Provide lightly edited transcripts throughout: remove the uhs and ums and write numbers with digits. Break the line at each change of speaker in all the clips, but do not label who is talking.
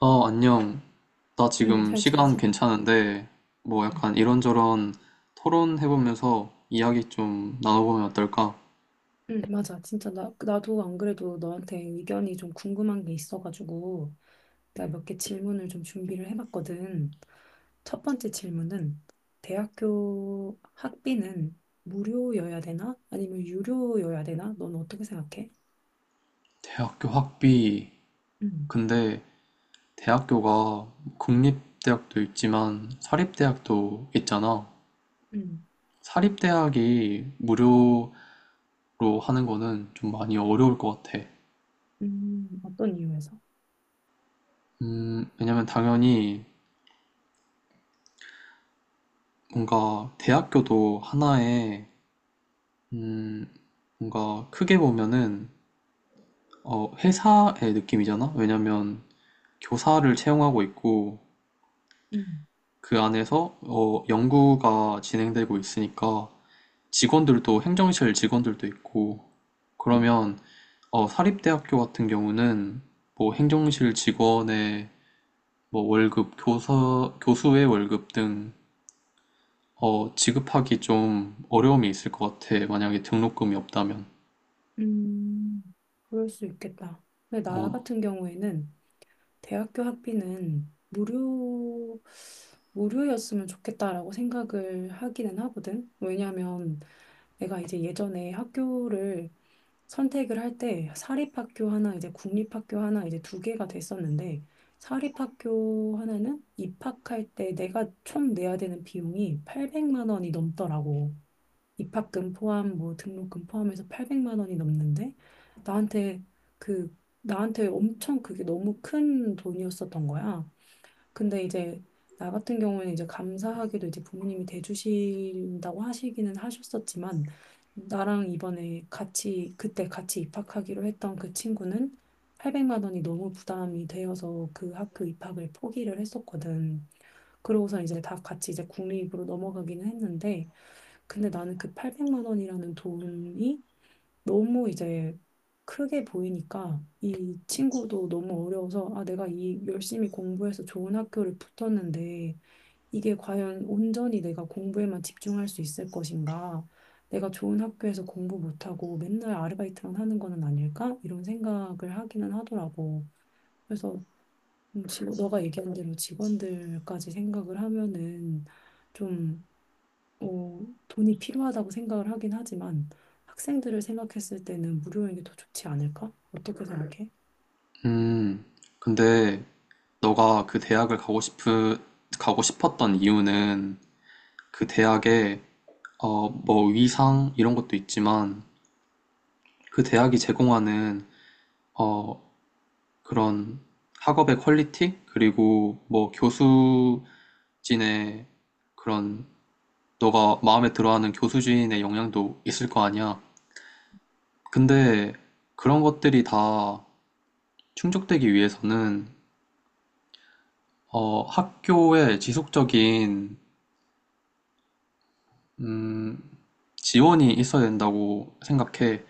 안녕. 나
응,
지금
잘
시간
지냈어?
괜찮은데, 뭐
응,
약간 이런저런 토론해보면서 이야기 좀 나눠보면 어떨까?
응, 맞아. 진짜 나도 안 그래도 너한테 의견이 좀 궁금한 게 있어가지고 내가 몇 개 질문을 좀 준비를 해봤거든. 첫 번째 질문은 대학교 학비는 무료여야 되나? 아니면 유료여야 되나? 넌 어떻게 생각해?
대학교 학비.
응,
근데 대학교가 국립대학도 있지만 사립대학도 있잖아.
응,
사립대학이 무료로 하는 거는 좀 많이 어려울 것 같아.
어떤 이유에서?
왜냐면 당연히 뭔가 대학교도 하나의, 음, 뭔가 크게 보면은 회사의 느낌이잖아? 왜냐면 교사를 채용하고 있고
응,
그 안에서 연구가 진행되고 있으니까 직원들도 행정실 직원들도 있고
응,
그러면 사립대학교 같은 경우는 뭐 행정실 직원의 뭐 월급, 교사, 교수의 월급 등 지급하기 좀 어려움이 있을 것 같아. 만약에 등록금이 없다면.
음, 그럴 수 있겠다. 근데 나
어,
같은 경우에는 대학교 학비는 무료였으면 좋겠다라고 생각을 하기는 하거든. 왜냐하면 내가 이제 예전에 학교를 선택을 할 때 사립학교 하나, 이제 국립학교 하나, 이제 두 개가 됐었는데 사립학교 하나는 입학할 때 내가 총 내야 되는 비용이 800만 원이 넘더라고. 입학금 포함 뭐 등록금 포함해서 800만 원이 넘는데 나한테 그 나한테 엄청 그게 너무 큰 돈이었었던 거야. 근데 이제 나 같은 경우에는 이제 감사하게도 이제 부모님이 대주신다고 하시기는 하셨었지만 나랑 이번에 같이 그때 같이 입학하기로 했던 그 친구는 800만 원이 너무 부담이 되어서 그 학교 입학을 포기를 했었거든. 그러고서 이제 다 같이 이제 국립으로 넘어가기는 했는데 근데 나는 그 800만 원이라는 돈이 너무 이제 크게 보이니까 이 친구도 너무 어려워서 아, 내가 이 열심히 공부해서 좋은 학교를 붙었는데 이게 과연 온전히 내가 공부에만 집중할 수 있을 것인가? 내가 좋은 학교에서 공부 못하고 맨날 아르바이트만 하는 거는 아닐까? 이런 생각을 하기는 하더라고. 그래서 너가 얘기한 대로 직원들까지 생각을 하면은 좀 어, 돈이 필요하다고 생각을 하긴 하지만 학생들을 생각했을 때는 무료인 게 더 좋지 않을까? 어떻게 생각해?
음, 근데 너가 그 대학을 가고 싶었던 이유는 그 대학의 뭐 위상 이런 것도 있지만 그 대학이 제공하는 어, 그런 학업의 퀄리티 그리고 뭐 교수진의 그런 너가 마음에 들어하는 교수진의 영향도 있을 거 아니야. 근데 그런 것들이 다 충족되기 위해서는 학교의 지속적인 음, 지원이 있어야 된다고 생각해.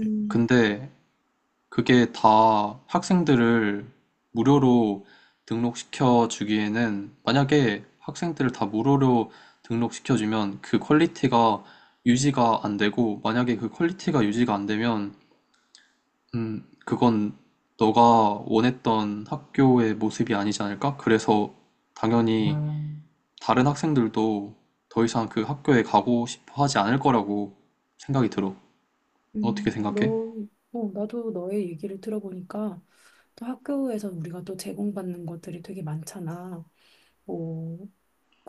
음,
근데 그게 다 학생들을 무료로 등록시켜 주기에는 만약에 학생들을 다 무료로 등록시켜 주면 그 퀄리티가 유지가 안 되고 만약에 그 퀄리티가 유지가 안 되면 그건 너가 원했던 학교의 모습이 아니지 않을까? 그래서 당연히 다른 학생들도 더 이상 그 학교에 가고 싶어 하지 않을 거라고 생각이 들어. 어떻게
음,
생각해?
너, 어, 나도 너의 얘기를 들어보니까 또 학교에서 우리가 또 제공받는 것들이 되게 많잖아. 뭐,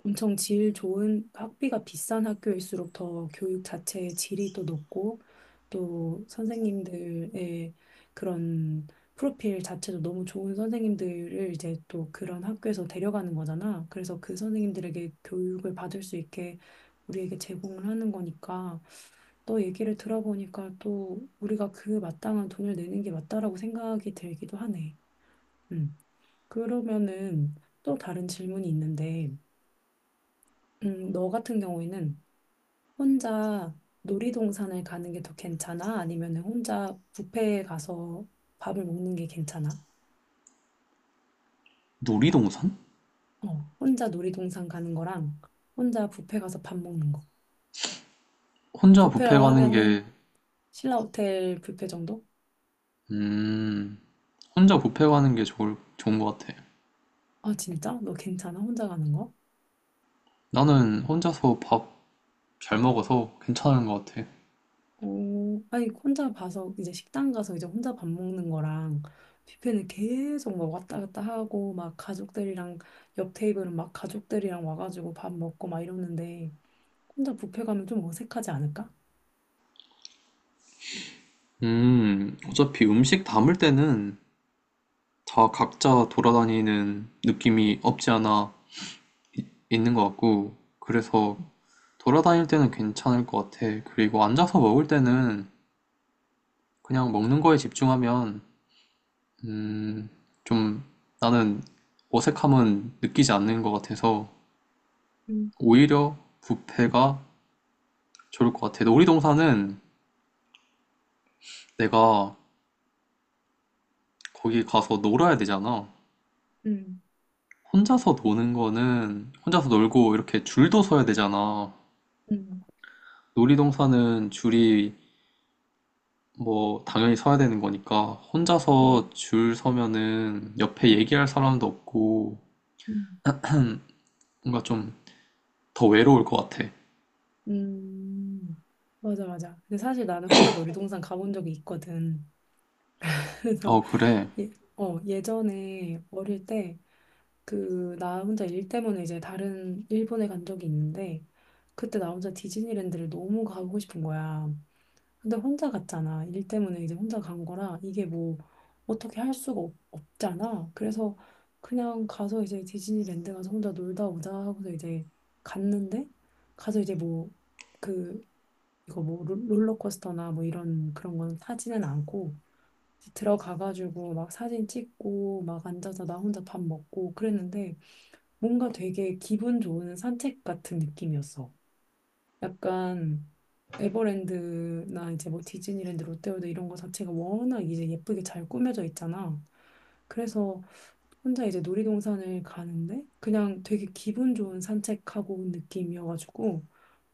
엄청 질 좋은 학비가 비싼 학교일수록 더 교육 자체의 질이 또 높고 또 선생님들의 그런 프로필 자체도 너무 좋은 선생님들을 이제 또 그런 학교에서 데려가는 거잖아. 그래서 그 선생님들에게 교육을 받을 수 있게 우리에게 제공을 하는 거니까 또 얘기를 들어보니까 또 우리가 그 마땅한 돈을 내는 게 맞다라고 생각이 들기도 하네. 음. 그러면은 또 다른 질문이 있는데 너 같은 경우에는 혼자 놀이동산을 가는 게 더 괜찮아? 아니면 혼자 뷔페에 가서 밥을 먹는 게 괜찮아?
놀이동산?
어, 혼자 놀이동산 가는 거랑 혼자 뷔페 가서 밥 먹는 거.
혼자 뷔페
뷔페라고
가는 어,
하면은
게,
신라호텔 뷔페 정도?
음, 혼자 뷔페 가는 게 좋은 것 같아.
아, 진짜? 너 괜찮아? 혼자 가는 거?
나는 혼자서 밥 잘 먹어서 괜찮은 것 같아.
어, 아니, 혼자 봐서 이제 식당 가서 이제 혼자 밥 먹는 거랑 뷔페는 계속 막 왔다 갔다 하고 막 가족들이랑 옆 테이블은 막 가족들이랑 와가지고 밥 먹고 막 이러는데 혼자 뷔페 가면 좀 어색하지 않을까?
어차피 음식 담을 때는 다 각자 돌아다니는 느낌이 없지 않아 있는 것 같고, 그래서 돌아다닐 때는 괜찮을 것 같아. 그리고 앉아서 먹을 때는 그냥 먹는 거에 집중하면, 음, 좀 나는 어색함은 느끼지 않는 것 같아서
음,
오히려 뷔페가 좋을 것 같아. 놀이동산은 내가 거기 가서 놀아야 되잖아.
음,
혼자서 노는 거는 혼자서 놀고 이렇게 줄도 서야 되잖아.
음,
놀이동산은 줄이 뭐 당연히 서야 되는 거니까 혼자서
음,
줄 서면은 옆에 얘기할 사람도 없고
음.
뭔가 좀 더 외로울 것 같아.
음, 맞아, 맞아. 근데 사실 나는 혼자 놀이동산 가본 적이 있거든. 그래서
어, 그래.
예, 어, 예전에 어릴 때 그 나 혼자 일 때문에 이제 다른 일본에 간 적이 있는데 그때 나 혼자 디즈니랜드를 너무 가고 싶은 거야. 근데 혼자 갔잖아. 일 때문에 이제 혼자 간 거라 이게 뭐 어떻게 할 수가 없잖아. 그래서 그냥 가서 이제 디즈니랜드 가서 혼자 놀다 오자 하고서 이제 갔는데 가서 이제 뭐 그 이거 뭐 롤러코스터나 뭐 이런 그런 건 타지는 않고 이제 들어가가지고 막 사진 찍고 막 앉아서 나 혼자 밥 먹고 그랬는데 뭔가 되게 기분 좋은 산책 같은 느낌이었어. 약간 에버랜드나 이제 뭐 디즈니랜드, 롯데월드 이런 거 자체가 워낙 이제 예쁘게 잘 꾸며져 있잖아. 그래서 혼자 이제 놀이동산을 가는데 그냥 되게 기분 좋은 산책하고 온 느낌이어가지고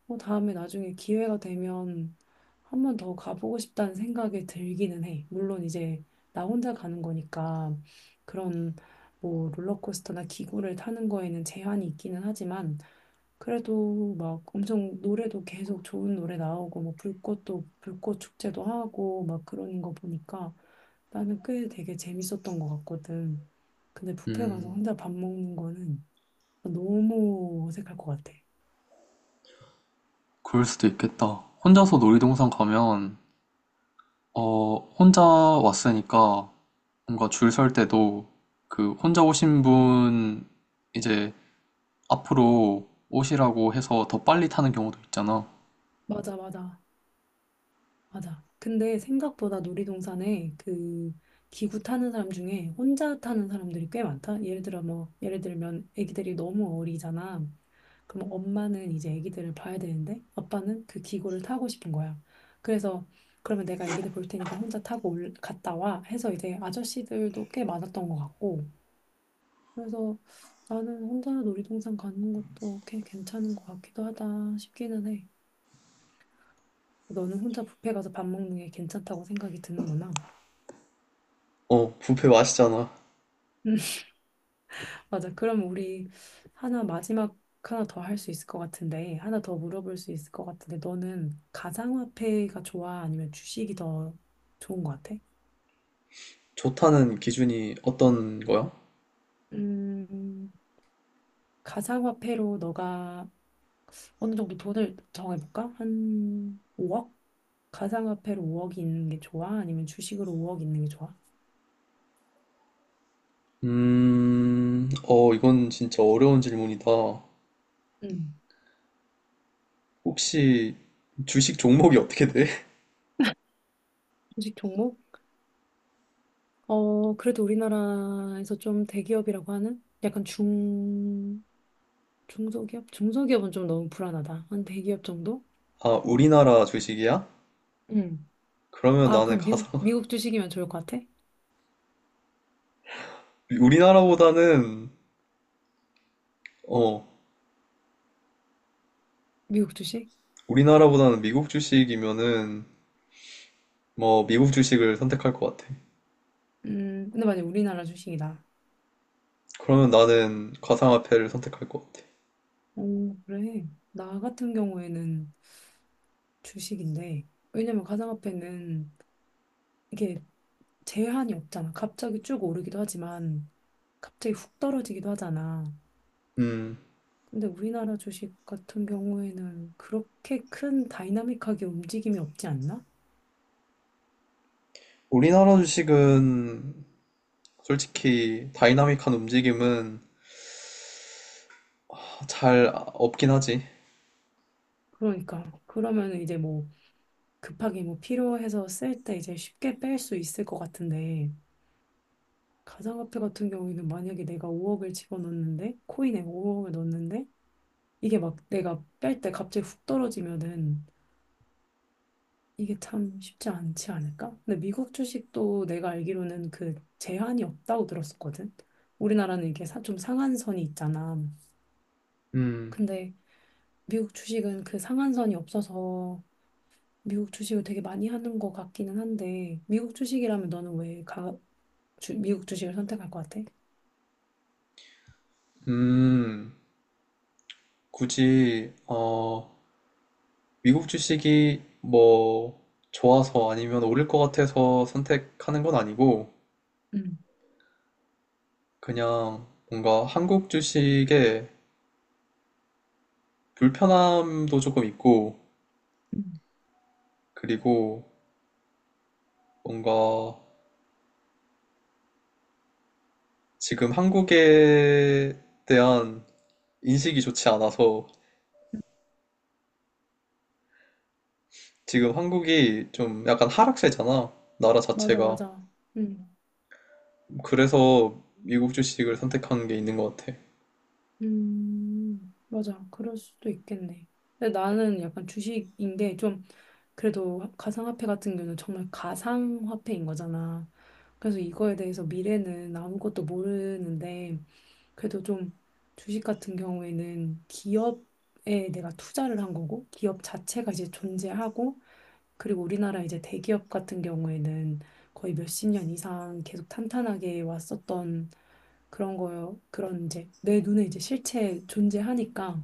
뭐 다음에 나중에 기회가 되면 한번 더 가보고 싶다는 생각이 들기는 해. 물론 이제 나 혼자 가는 거니까 그런 뭐 롤러코스터나 기구를 타는 거에는 제한이 있기는 하지만 그래도 막 엄청 노래도 계속 좋은 노래 나오고 뭐 불꽃도 불꽃 축제도 하고 막 그러는 거 보니까 나는 꽤 되게 재밌었던 것 같거든. 근데 뷔페 가서
음,
혼자 밥 먹는 거는 너무 어색할 것 같아.
그럴 수도 있겠다. 혼자서 놀이동산 가면 혼자 왔으니까 뭔가 줄 설 때도 그 혼자 오신 분 이제 앞으로 오시라고 해서 더 빨리 타는 경우도 있잖아.
맞아, 맞아. 맞아. 근데 생각보다 놀이동산에 그 기구 타는 사람 중에 혼자 타는 사람들이 꽤 많다. 예를 들어 뭐 예를 들면 아기들이 너무 어리잖아. 그럼 엄마는 이제 아기들을 봐야 되는데 아빠는 그 기구를 타고 싶은 거야. 그래서 그러면 내가 아기들 볼 테니까 혼자 타고 갔다 와 해서 이제 아저씨들도 꽤 많았던 것 같고. 그래서 나는 혼자 놀이동산 가는 것도 꽤 괜찮은 것 같기도 하다 싶기는 해. 너는 혼자 뷔페 가서 밥 먹는 게 괜찮다고 생각이 드는구나.
어, 뷔페 맛있잖아.
맞아. 그럼 우리 하나 마지막 하나 더 할 수 있을 것 같은데, 하나 더 물어볼 수 있을 것 같은데, 너는 가상화폐가 좋아? 아니면 주식이 더 좋은 것 같아?
좋다는 기준이 어떤 거야?
음, 가상화폐로 너가 어느 정도 돈을 정해볼까? 한 5억? 가상화폐로 5억이 있는 게 좋아? 아니면 주식으로 5억 있는 게 좋아?
어, 이건 진짜 어려운 질문이다.
음.
혹시 주식 종목이 어떻게 돼?
주식 종목? 어, 그래도 우리나라에서 좀 대기업이라고 하는 약간 중... 중소기업? 중소기업은 좀 너무 불안하다. 한 대기업 정도?
아, 우리나라 주식이야?
응.
그러면
아,
나는
그럼 미국 주식이면 좋을 것 같아?
우리나라보다는, 어,
미국 주식?
우리나라보다는 미국 주식이면은, 뭐, 미국 주식을 선택할 것 같아.
근데 만약 우리나라 주식이다.
그러면 나는 가상화폐를 선택할 것 같아.
오, 그래. 나 같은 경우에는 주식인데, 왜냐면 가상화폐는 이게 제한이 없잖아. 갑자기 쭉 오르기도 하지만, 갑자기 훅 떨어지기도 하잖아.
음,
근데 우리나라 주식 같은 경우에는 그렇게 큰 다이나믹하게 움직임이 없지 않나?
우리나라 주식은 솔직히 다이나믹한 움직임은 아, 잘 없긴 하지.
그러니까. 그러면 이제 뭐, 급하게 뭐 필요해서 쓸 때 이제 쉽게 뺄 수 있을 것 같은데 가상화폐 같은 경우에는 만약에 내가 5억을 집어넣는데 코인에 5억을 넣는데 이게 막 내가 뺄 때 갑자기 훅 떨어지면은 이게 참 쉽지 않지 않을까? 근데 미국 주식도 내가 알기로는 그 제한이 없다고 들었었거든. 우리나라는 이게 좀 상한선이 있잖아.
음,
근데 미국 주식은 그 상한선이 없어서 미국 주식을 되게 많이 하는 것 같기는 한데 미국 주식이라면 너는 왜 미국 주식을 선택할 것 같아.
음. 굳이 미국 주식이 뭐 좋아서 아니면 오를 것 같아서 선택하는 건 아니고
음,
그냥 뭔가 한국 주식에 불편함도 조금 있고
음.
그리고 뭔가 지금 한국에 대한 인식이 좋지 않아서 지금 한국이 좀 약간 하락세잖아 나라
맞아,
자체가
맞아. 음.
그래서 미국 주식을 선택한 게 있는 것 같아.
맞아. 그럴 수도 있겠네. 근데 나는 약간 주식인 게 좀, 그래도 가상화폐 같은 경우는 정말 가상화폐인 거잖아. 그래서 이거에 대해서 미래는 아무것도 모르는데, 그래도 좀 주식 같은 경우에는 기업에 내가 투자를 한 거고, 기업 자체가 이제 존재하고, 그리고 우리나라 이제 대기업 같은 경우에는 거의 몇십 년 이상 계속 탄탄하게 왔었던 그런 거요. 그런 이제 내 눈에 이제 실체 존재하니까.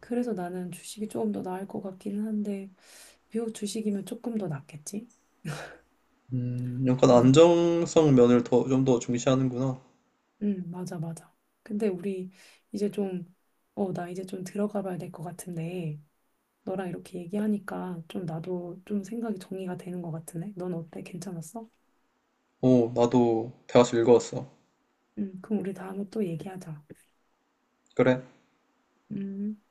그래서 나는 주식이 조금 더 나을 것 같기는 한데, 미국 주식이면 조금 더 낫겠지?
약간
응,
안정성 면을 좀 더 중시하는구나.
응, 맞아, 맞아. 근데 우리 이제 좀, 어, 나 이제 좀 들어가 봐야 될 것 같은데, 너랑 이렇게 얘기하니까 좀 나도 좀 생각이 정리가 되는 것 같으네. 넌 어때? 괜찮았어?
오, 나도 대화서 읽어왔어.
응, 그럼 우리 다음에 또 얘기하자.
그래.
음.